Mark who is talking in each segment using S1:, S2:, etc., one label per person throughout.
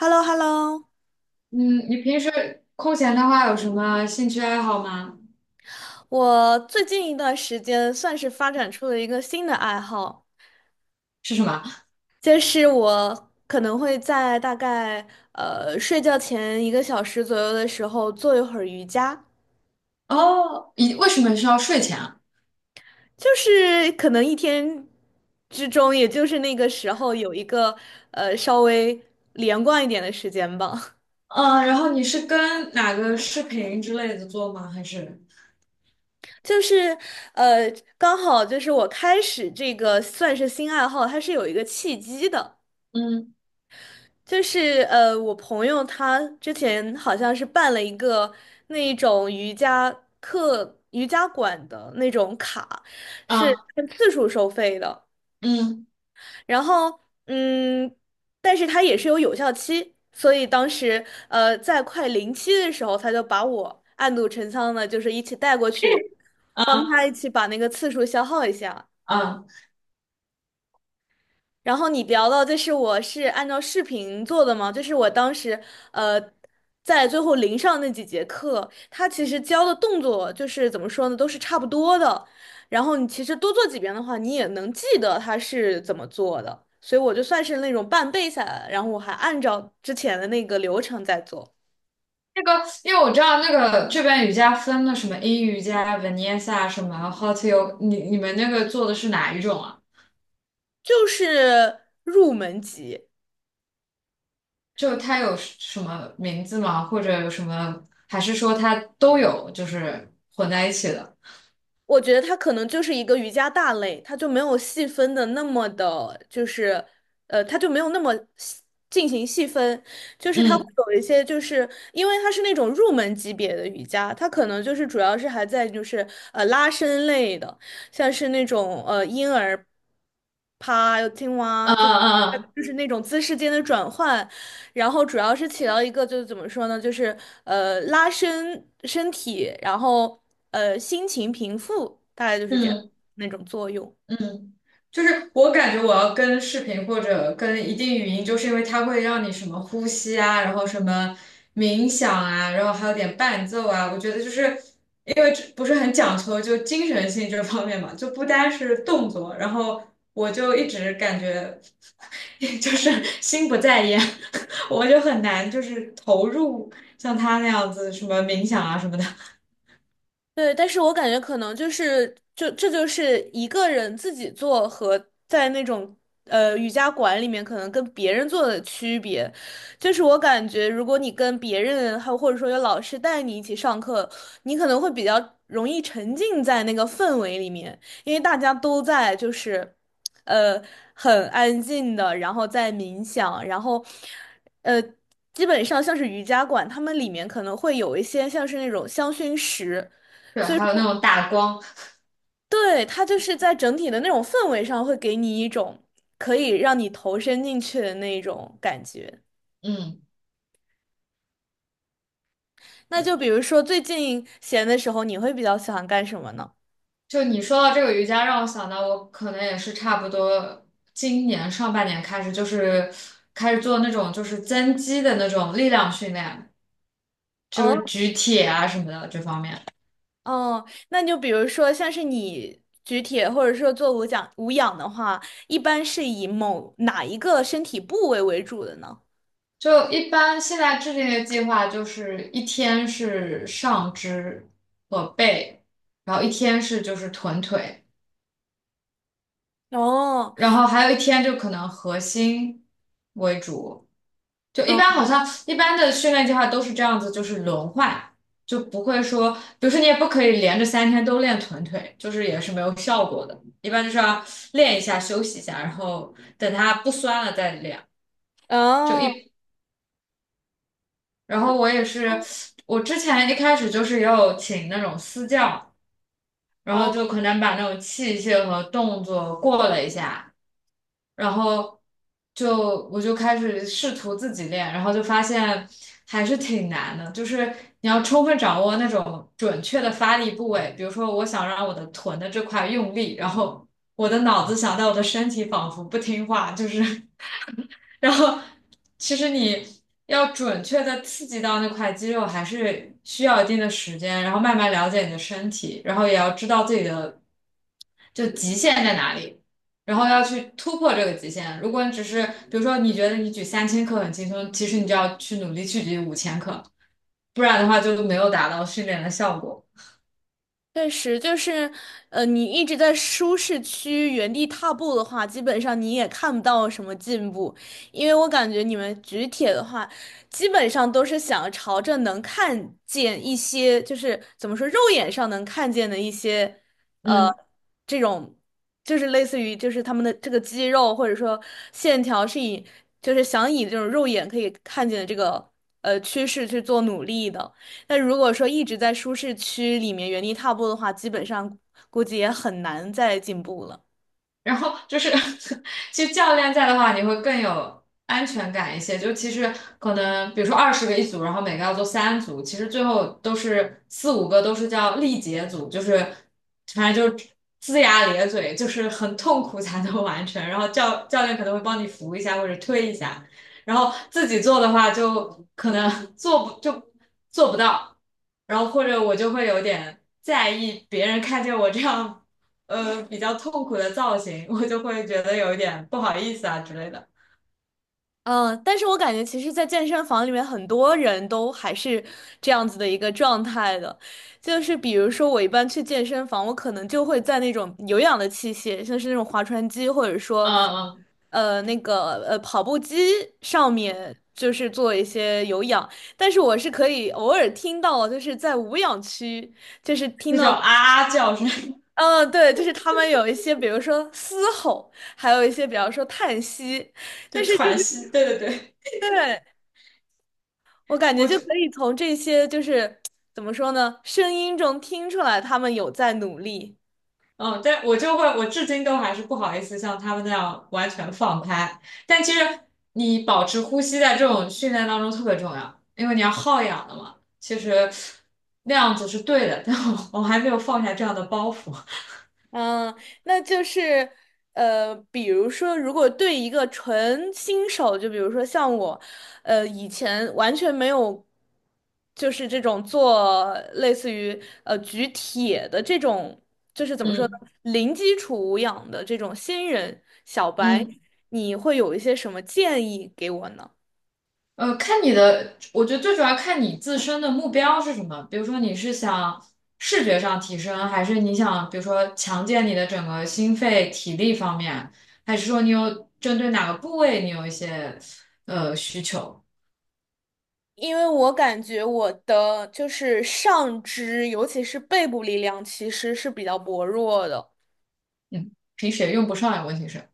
S1: h e l l o h e l l o
S2: 嗯，你平时空闲的话有什么兴趣爱好吗？
S1: 我最近一段时间算是发展出了一个新的爱好，
S2: 是什么？
S1: 就是我可能会在大概睡觉前一个小时左右的时候做一会儿瑜伽，
S2: 哦，你为什么是要睡前啊？
S1: 就是可能一天之中，也就是那个时候有一个稍微连贯一点的时间吧。
S2: 嗯，然后你是跟哪个视频之类的做吗？还是
S1: 就是呃刚好就是我开始这个算是新爱好，它是有一个契机的。
S2: 嗯
S1: 就是我朋友他之前好像是办了一个那一种瑜伽课、瑜伽馆的那种卡，是
S2: 啊
S1: 按次数收费的。
S2: 嗯
S1: 然后嗯，但是他也是有有效期，所以当时在快临期的时候，他就把我暗度陈仓的，就是一起带过去，帮他
S2: 啊
S1: 一起把那个次数消耗一下。
S2: 啊
S1: 然后你聊到就是我是按照视频做的嘛，就是我当时呃在最后临上那几节课，他其实教的动作就是怎么说呢，都是差不多的。然后你其实多做几遍的话，你也能记得他是怎么做的。所以我就算是那种半背下来了然后我还按照之前的那个流程在做，
S2: 那个，因为我知道那个这边瑜伽分了什么阴瑜伽、Vinyasa 什么 Hot Yoga，你们那个做的是哪一种啊？
S1: 就是入门级。
S2: 就它有什么名字吗？或者有什么？还是说它都有，就是混在一起的？
S1: 我觉得它可能就是一个瑜伽大类，它就没有细分的那么的，就是它就没有那么细进行细分，就是它会
S2: 嗯
S1: 有一些，就是因为它是那种入门级别的瑜伽，它可能就是主要是还在就是拉伸类的，像是那种婴儿趴、青蛙，
S2: 嗯
S1: 就
S2: 嗯嗯
S1: 就是那种姿势间的转换，然后主要是起到一个就是怎么说呢，就是拉伸身体，然后心情平复，大概就是这样
S2: 嗯
S1: 那种作用。
S2: 嗯，就是我感觉我要跟视频或者跟一定语音，就是因为它会让你什么呼吸啊，然后什么冥想啊，然后还有点伴奏啊。我觉得就是因为这不是很讲究就精神性这方面嘛，就不单是动作。然后我就一直感觉 就是心不在焉，我就很难就是投入像他那样子什么冥想啊什么的。
S1: 对，但是我感觉可能就是就这就是一个人自己做和在那种瑜伽馆里面可能跟别人做的区别，就是我感觉如果你跟别人还有或者说有老师带你一起上课，你可能会比较容易沉浸在那个氛围里面，因为大家都在就是呃很安静的，然后在冥想，呃。基本上像是瑜伽馆，他们里面可能会有一些像是那种香薰石，
S2: 对，还有那种打光。
S1: 对，它就是在整体的那种氛围上，会给你一种可以让你投身进去的那种感觉。
S2: 嗯。
S1: 那就比如说最近闲的时候，你会比较喜欢干什么呢？
S2: 就你说到这个瑜伽，让我想到我可能也是差不多今年上半年开始，就是开始做那种就是增肌的那种力量训练，就是
S1: 哦
S2: 举铁啊什么的这方面。
S1: 哦，那就比如说像是你举铁或者说做无氧的话，一般是以某哪一个身体部位为主的呢？
S2: 就一般现在制定的计划就是一天是上肢和背，然后一天是就是臀腿，
S1: 哦
S2: 然后还有一天就可能核心为主。就一般
S1: 哦
S2: 好像一般的训练计划都是这样子，就是轮换，就不会说，比如说你也不可以连着3天都练臀腿，就是也是没有效果的。一般就是要练一下，休息一下，然后等它不酸了再练。就一
S1: 哦。
S2: 般然后我也是，我之前一开始就是也有请那种私教，然后
S1: 哦，
S2: 就可能把那种器械和动作过了一下，然后就我就开始试图自己练，然后就发现还是挺难的，就是你要充分掌握那种准确的发力部位，比如说我想让我的臀的这块用力，然后我的脑子想到我的身体仿佛不听话，就是然后其实你要准确的刺激到那块肌肉，还是需要一定的时间，然后慢慢了解你的身体，然后也要知道自己的就极限在哪里，然后要去突破这个极限。如果你只是比如说你觉得你举3千克很轻松，其实你就要去努力去举五千克，不然的话就没有达到训练的效果。
S1: 确实，就是，你一直在舒适区原地踏步的话，基本上你也看不到什么进步，因为我感觉你们举铁的话，基本上都是想朝着能看见一些，就是怎么说，肉眼上能看见的一些，呃，
S2: 嗯。
S1: 这种，就是类似于就是他们的这个肌肉或者说线条是以，就是想以这种肉眼可以看见的这个趋势去做努力的。那如果说一直在舒适区里面原地踏步的话，基本上估计也很难再进步了。
S2: 然后就是，其实教练在的话，你会更有安全感一些。就其实可能，比如说20个一组，然后每个要做3组，其实最后都是4、5个都是叫力竭组，就是反正就是龇牙咧嘴，就是很痛苦才能完成。然后教练可能会帮你扶一下或者推一下，然后自己做的话就可能 做不到，然后或者我就会有点在意别人看见我这样。比较痛苦的造型，我就会觉得有一点不好意思啊之类的。
S1: 嗯，但是我感觉其实，在健身房里面，很多人都还是这样子的一个状态的，就是比如说我一般去健身房，我可能就会在那种有氧的器械，像是那种划船机，或者说
S2: 嗯嗯，
S1: 那个跑步机上面，就是做一些有氧。但是我是可以偶尔听到，就是在无氧区。
S2: 那种啊啊叫声，
S1: 嗯，对，就是他们有一些，比如说嘶吼，还有一些，比方说叹息，但
S2: 就
S1: 是就
S2: 喘
S1: 是，
S2: 息。对对对，
S1: 对，我感觉
S2: 我
S1: 就
S2: 就
S1: 可以从这些就是怎么说呢，声音中听出来他们有在努力。
S2: 嗯，但我就会，我至今都还是不好意思像他们那样完全放开。但其实你保持呼吸在这种训练当中特别重要，因为你要耗氧的嘛。其实那样子是对的，但我还没有放下这样的包袱。
S1: 嗯，那就是比如说，如果对一个纯新手，就比如说像我，以前完全没有，就是这种做类似于举铁的这种，就是怎么说呢，
S2: 嗯
S1: 零基础无氧的这种新人小白，
S2: 嗯。
S1: 你会有一些什么建议给我呢？
S2: 看你的，我觉得最主要看你自身的目标是什么。比如说，你是想视觉上提升，还是你想，比如说强健你的整个心肺体力方面，还是说你有针对哪个部位你有一些需求？
S1: 因为我感觉我的就是上肢，尤其是背部力量，其实是比较薄弱的。
S2: 嗯，平时也用不上呀，问题是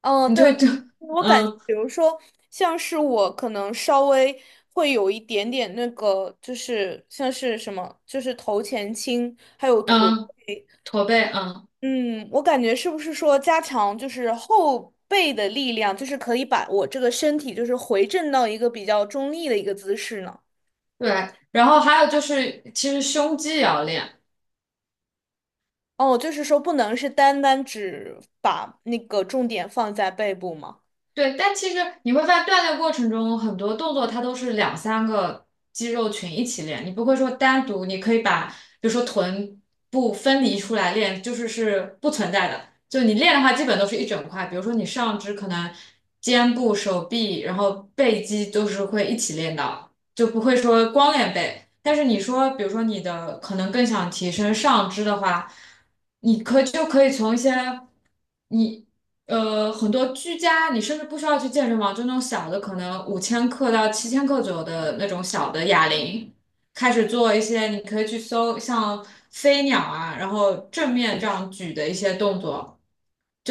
S1: 嗯，
S2: 你就
S1: 对，
S2: 就
S1: 我感觉，
S2: 嗯
S1: 比如说，像是我可能稍微会有一点点那个，就是像是什么，就是头前倾，还有驼。
S2: 嗯驼背嗯
S1: 嗯，我感觉是不是说加强就是后背的力量，就是可以把我这个身体就是回正到一个比较中立的一个姿势呢？
S2: 对，然后还有就是其实胸肌也要练。
S1: 哦，就是说不能是单单只把那个重点放在背部吗？
S2: 对，但其实你会发现锻炼过程中很多动作它都是两三个肌肉群一起练，你不会说单独，你可以把比如说臀部分离出来练，就是是不存在的。就你练的话，基本都是一整块，比如说你上肢可能肩部、手臂，然后背肌都是会一起练到。就不会说光练背。但是你说，比如说你的可能更想提升上肢的话，你就可以从一些你很多居家，你甚至不需要去健身房，就那种小的，可能5千克到7千克左右的那种小的哑铃，开始做一些，你可以去搜像飞鸟啊，然后正面这样举的一些动作。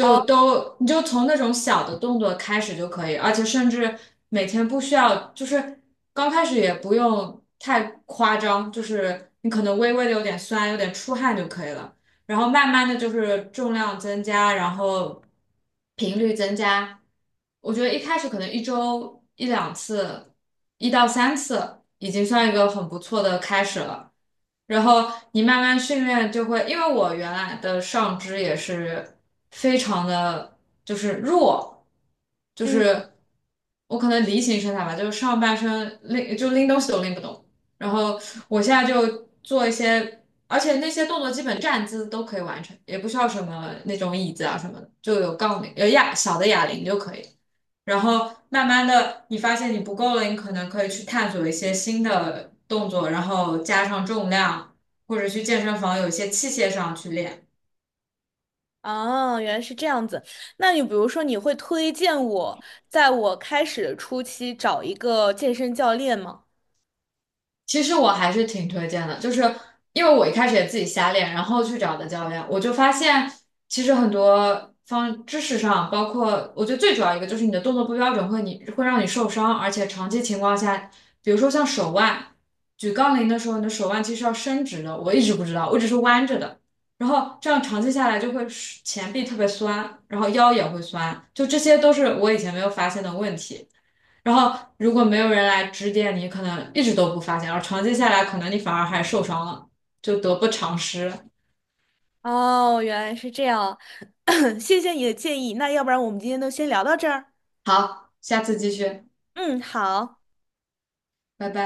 S1: 啊，
S2: 都你就从那种小的动作开始就可以，而且甚至每天不需要，就是刚开始也不用太夸张，就是你可能微微的有点酸，有点出汗就可以了。然后慢慢的就是重量增加，然后频率增加。我觉得一开始可能一周1到2次，1到3次，已经算一个很不错的开始了。然后你慢慢训练就会，因为我原来的上肢也是非常的就是弱，就
S1: 嗯。
S2: 是我可能梨形身材吧，就是上半身拎就拎东西都拎不动。然后我现在就做一些而且那些动作基本站姿都可以完成，也不需要什么那种椅子啊什么的，就有杠铃，有哑小的哑铃就可以。然后慢慢的，你发现你不够了，你可能可以去探索一些新的动作，然后加上重量，或者去健身房有一些器械上去练。
S1: 哦，原来是这样子。那你比如说，你会推荐我在我开始的初期找一个健身教练吗？
S2: 其实我还是挺推荐的，就是因为我一开始也自己瞎练，然后去找的教练，我就发现其实很多方知识上，包括我觉得最主要一个就是你的动作不标准会你会让你受伤，而且长期情况下，比如说像手腕，举杠铃的时候，你的手腕其实要伸直的，我一直不知道，我只是弯着的，然后这样长期下来就会前臂特别酸，然后腰也会酸，就这些都是我以前没有发现的问题。然后如果没有人来指点你，可能一直都不发现，而长期下来，可能你反而还受伤了，就得不偿失。
S1: 哦，原来是这样，谢谢你的建议。那要不然我们今天就先聊到这儿。
S2: 好，下次继续，
S1: 嗯，好。
S2: 拜拜。